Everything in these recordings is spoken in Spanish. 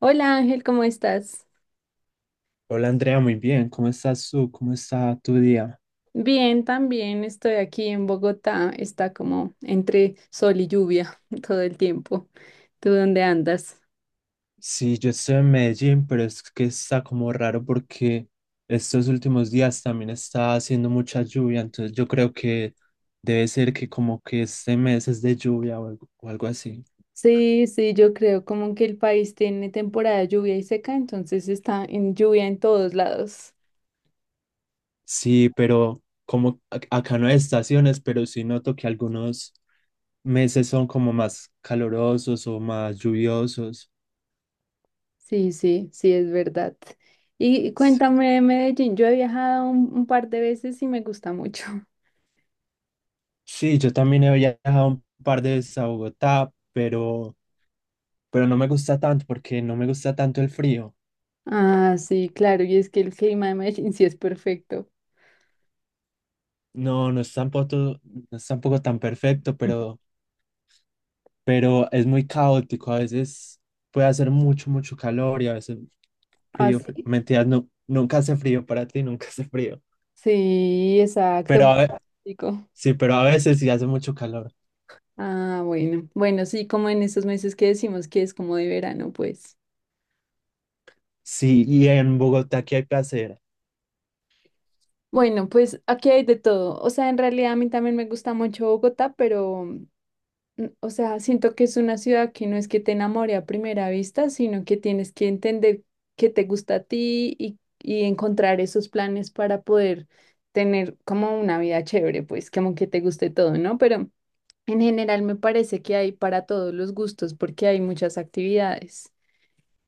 Hola Ángel, ¿cómo estás? Hola Andrea, muy bien. ¿Cómo estás tú? ¿Cómo está tu día? Bien, también estoy aquí en Bogotá. Está como entre sol y lluvia todo el tiempo. ¿Tú dónde andas? Sí, yo estoy en Medellín, pero es que está como raro porque estos últimos días también está haciendo mucha lluvia, entonces yo creo que debe ser que como que este mes es de lluvia o algo así. Sí, sí, yo creo como que el país tiene temporada de lluvia y seca, entonces está en lluvia en todos lados. Sí, pero como acá no hay estaciones, pero sí noto que algunos meses son como más calurosos o más lluviosos. Sí, sí, sí, es verdad. Y S- cuéntame de Medellín, yo he viajado un par de veces y me gusta mucho. Sí, yo también he viajado un par de veces a Bogotá, pero no me gusta tanto porque no me gusta tanto el frío. Ah, sí, claro, y es que el clima de Medellín sí es perfecto. No, no es tampoco, no es tampoco tan perfecto, pero es muy caótico. A veces puede hacer mucho, mucho calor y a veces ¿Ah, frío. Sí? Mentiras, no, nunca hace frío para ti, nunca hace frío. Sí, Pero exacto. a ve- Pico. sí, pero a veces sí hace mucho calor. Ah, bueno. Bueno, sí, como en estos meses que decimos que es como de verano, pues. Sí, y en Bogotá, ¿qué hay que hacer? Bueno, pues aquí hay de todo. O sea, en realidad a mí también me gusta mucho Bogotá, pero, o sea, siento que es una ciudad que no es que te enamore a primera vista, sino que tienes que entender qué te gusta a ti y encontrar esos planes para poder tener como una vida chévere, pues, como que te guste todo, ¿no? Pero… En general me parece que hay para todos los gustos porque hay muchas actividades.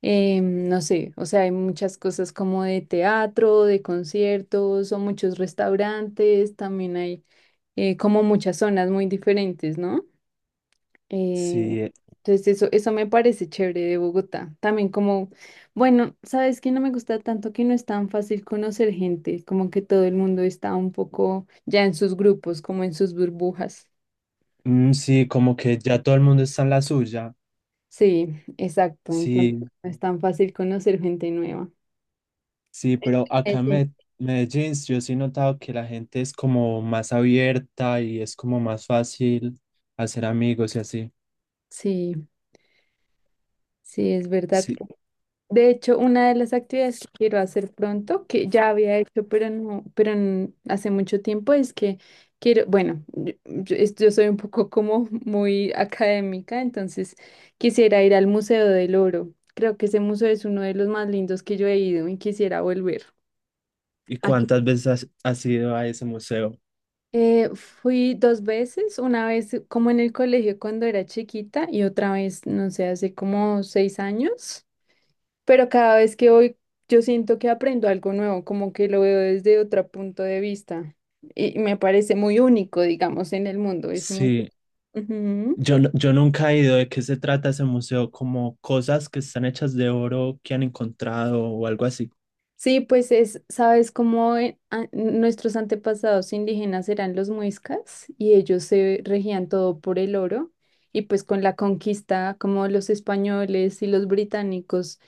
No sé, o sea, hay muchas cosas como de teatro, de conciertos o muchos restaurantes, también hay como muchas zonas muy diferentes, ¿no? Eh, Sí, entonces eso me parece chévere de Bogotá. También como, bueno, sabes que no me gusta tanto que no es tan fácil conocer gente, como que todo el mundo está un poco ya en sus grupos, como en sus burbujas. mm, sí, como que ya todo el mundo está en la suya. Sí, exacto. Entonces Sí, no es tan fácil conocer gente nueva. sí, pero acá en Sí. Medellín yo sí he notado que la gente es como más abierta y es como más fácil hacer amigos y así. Sí, sí, es verdad. Sí. De hecho, una de las actividades que quiero hacer pronto, que ya había hecho, pero no, hace mucho tiempo, es que quiero, bueno, yo soy un poco como muy académica, entonces quisiera ir al Museo del Oro. Creo que ese museo es uno de los más lindos que yo he ido y quisiera volver. ¿Y cuántas veces has ido a ese museo? Fui dos veces, una vez como en el colegio cuando era chiquita y otra vez, no sé, hace como seis años, pero cada vez que voy yo siento que aprendo algo nuevo, como que lo veo desde otro punto de vista y me parece muy único, digamos, en el mundo. Es muy… Sí, Ujú. yo, yo nunca he ido. ¿De qué se trata ese museo? ¿Como cosas que están hechas de oro que han encontrado o algo así? Sí, pues es, sabes cómo nuestros antepasados indígenas eran los muiscas y ellos se regían todo por el oro y pues con la conquista, como los españoles y los británicos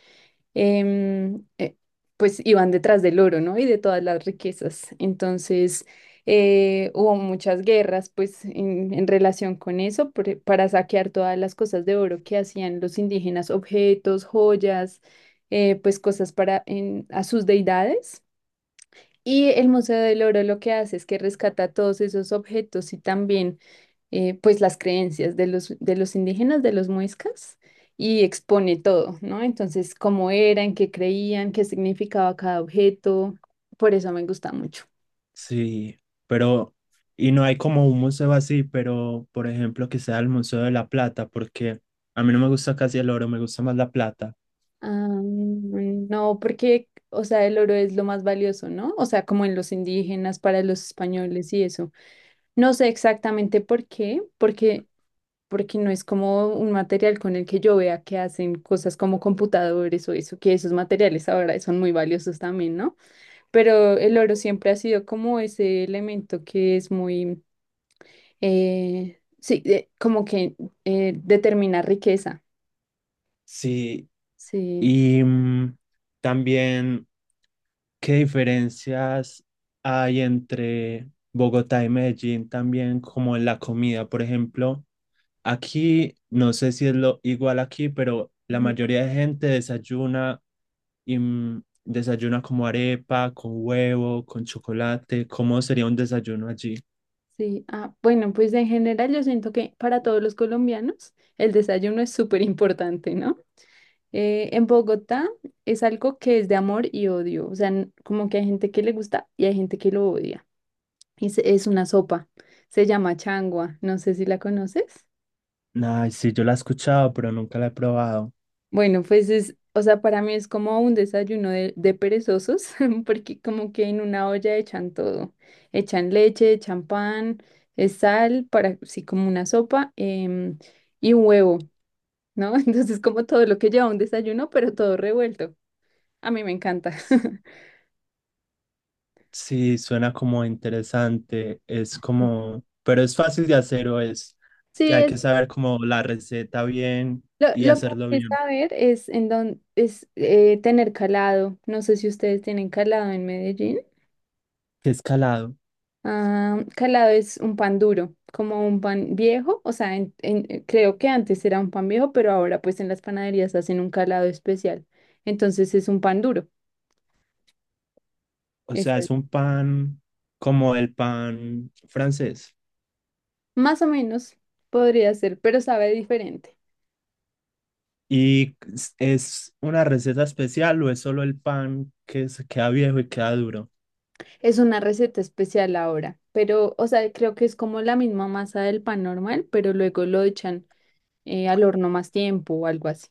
em, eh, pues iban detrás del oro, ¿no? Y de todas las riquezas. Entonces, hubo muchas guerras, pues, en relación con eso, para saquear todas las cosas de oro que hacían los indígenas, objetos, joyas, pues cosas para a sus deidades. Y el Museo del Oro lo que hace es que rescata todos esos objetos y también pues las creencias de de los indígenas, de los muiscas, y expone todo, ¿no? Entonces, cómo eran, qué creían, qué significaba cada objeto, por eso me gusta mucho. Sí, pero y no hay como un museo así, pero por ejemplo que sea el Museo de la Plata, porque a mí no me gusta casi el oro, me gusta más la plata. Ah, no, porque, o sea, el oro es lo más valioso, ¿no? O sea, como en los indígenas, para los españoles y eso. No sé exactamente por qué, porque, porque no es como un material con el que yo vea que hacen cosas como computadores o eso, que esos materiales ahora son muy valiosos también, ¿no? Pero el oro siempre ha sido como ese elemento que es muy, sí, como que determina riqueza, Sí, sí. y mm, también, ¿qué diferencias hay entre Bogotá y Medellín también como en la comida? Por ejemplo, aquí, no sé si es lo igual aquí, pero la Ujú. mayoría de gente desayuna y mm, desayuna como arepa, con huevo, con chocolate. ¿Cómo sería un desayuno allí? Sí, ah, bueno, pues en general yo siento que para todos los colombianos el desayuno es súper importante, ¿no? En Bogotá es algo que es de amor y odio, o sea, como que hay gente que le gusta y hay gente que lo odia. Es una sopa, se llama changua, no sé si la conoces. Ay, sí, yo la he escuchado, pero nunca la he probado. Bueno, pues es, o sea, para mí es como un desayuno de perezosos, porque como que en una olla echan todo, echan leche, echan pan, sal, para, sí, como una sopa, y huevo, ¿no? Entonces como todo lo que lleva un desayuno, pero todo revuelto. A mí me encanta. Sí, suena como interesante. Es como, pero es fácil de hacer o es, Sí, hay es, que saber como la receta bien lo, y lo que hacerlo hay que bien. saber es en dónde es tener calado. No sé si ustedes tienen calado en Medellín. ¿Qué escalado? Ah, calado es un pan duro, como un pan viejo, o sea, creo que antes era un pan viejo, pero ahora pues en las panaderías hacen un calado especial. Entonces es un pan duro. O Es, sea, es un pan como el pan francés. más o menos podría ser, pero sabe diferente. ¿Y es una receta especial o es solo el pan que se queda viejo y queda duro? Es una receta especial ahora, pero, o sea, creo que es como la misma masa del pan normal, pero luego lo echan al horno más tiempo o algo así.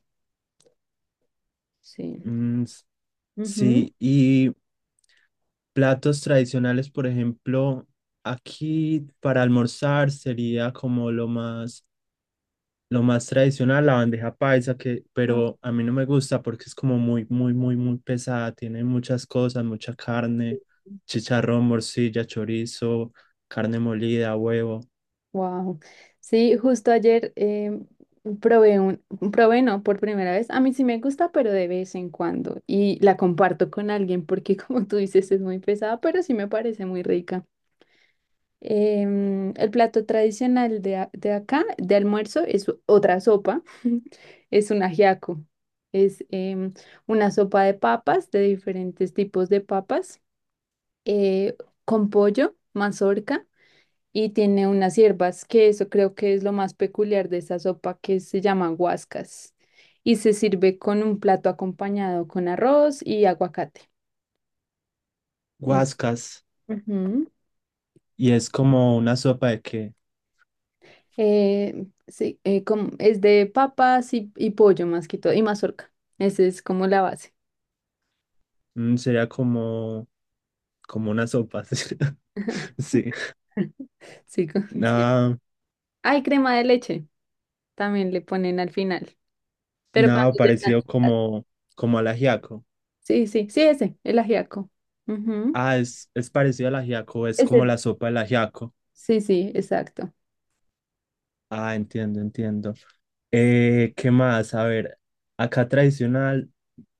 Sí. Mm, Ujú. sí, y platos tradicionales, por ejemplo, aquí para almorzar sería como lo más tradicional, la bandeja paisa, que, pero a mí no me gusta porque es como muy pesada. Tiene muchas cosas, mucha carne, chicharrón, morcilla, chorizo, carne molida, huevo, Wow. Sí, justo ayer probé un, probé no por primera vez. A mí sí me gusta, pero de vez en cuando. Y la comparto con alguien porque, como tú dices, es muy pesada, pero sí me parece muy rica. El plato tradicional de, de acá, de almuerzo, es otra sopa. Es un ajiaco. Es una sopa de papas, de diferentes tipos de papas, eh, con pollo, mazorca y tiene unas hierbas, que eso creo que es lo más peculiar de esa sopa que se llama guascas. Y se sirve con un plato acompañado con arroz y aguacate. Es, guascas. ujú. ¿Y es como una sopa de que Sí, es de papas y pollo más que todo, y mazorca. Esa es como la base. mm, sería como, como una sopa? Sí, sí. Sí, co- sí. Nada, Hay crema de leche, también le ponen al final, pero cuando nada ya está. parecido como, como al ajiaco. Sí, sí, sí, ese, el ajiaco. Ujú. Ah, es parecido al ajiaco, es como Ese. la sopa del ajiaco. Sí, sí, exacto. Ah, entiendo, entiendo. ¿Qué más? A ver, acá tradicional,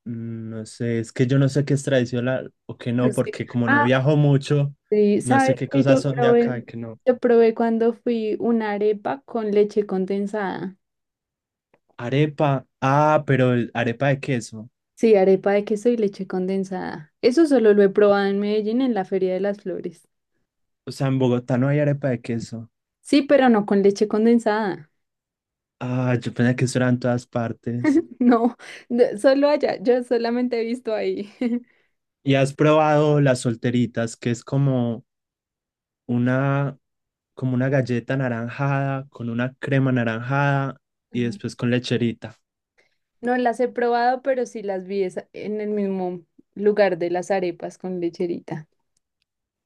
mm, no sé, es que yo no sé qué es tradicional o qué no, Sí. porque como no Ah, viajo mucho, sí, no sabes sé qué que cosas son de acá y qué no. yo probé cuando fui una arepa con leche condensada. Arepa, ah, pero arepa de queso. Sí, arepa de queso y leche condensada. Eso solo lo he probado en Medellín en la Feria de las Flores. O sea, ¿en Bogotá no hay arepa de queso? Sí, pero no con leche condensada. Ah, yo pensé que eso era en todas partes. No, no, solo allá. Yo solamente he visto ahí. ¿Y has probado las solteritas, que es una, como una galleta naranjada con una crema naranjada y Ah. después con lecherita? No las he probado, pero sí las vi en el mismo lugar de las arepas con lecherita.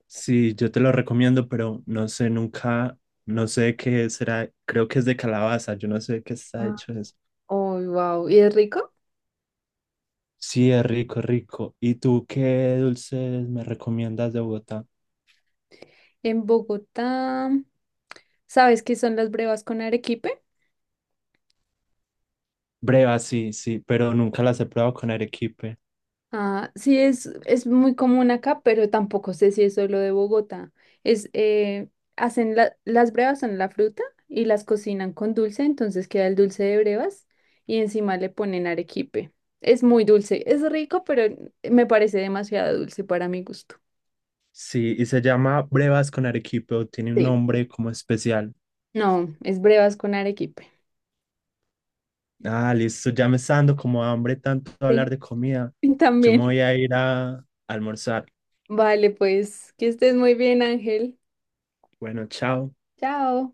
Sí, yo te lo recomiendo, pero no sé nunca, no sé de qué será, creo que es de calabaza, yo no sé de qué está Ah. hecho eso. Oh, wow. ¿Y es rico? Sí, es rico, es rico. ¿Y tú qué dulces me recomiendas de Bogotá? En Bogotá, ¿sabes qué son las brevas con arequipe? Brevas, sí, sí, pero nunca las he probado con arequipe. Ah, sí, es muy común acá, pero tampoco sé si es solo de Bogotá. Es, hacen las brevas son la fruta y las cocinan con dulce, entonces queda el dulce de brevas y encima le ponen arequipe. Es muy dulce, es rico, pero me parece demasiado dulce para mi gusto. Sí, ¿y se llama brevas con arequipe o tiene un Sí. nombre como especial? No, es brevas con arequipe. Ah, listo, ya me está dando como hambre tanto Sí. hablar de comida. Yo me También. voy a ir a almorzar. Vale, pues que estés muy bien, Ángel. Bueno, chao. Chao.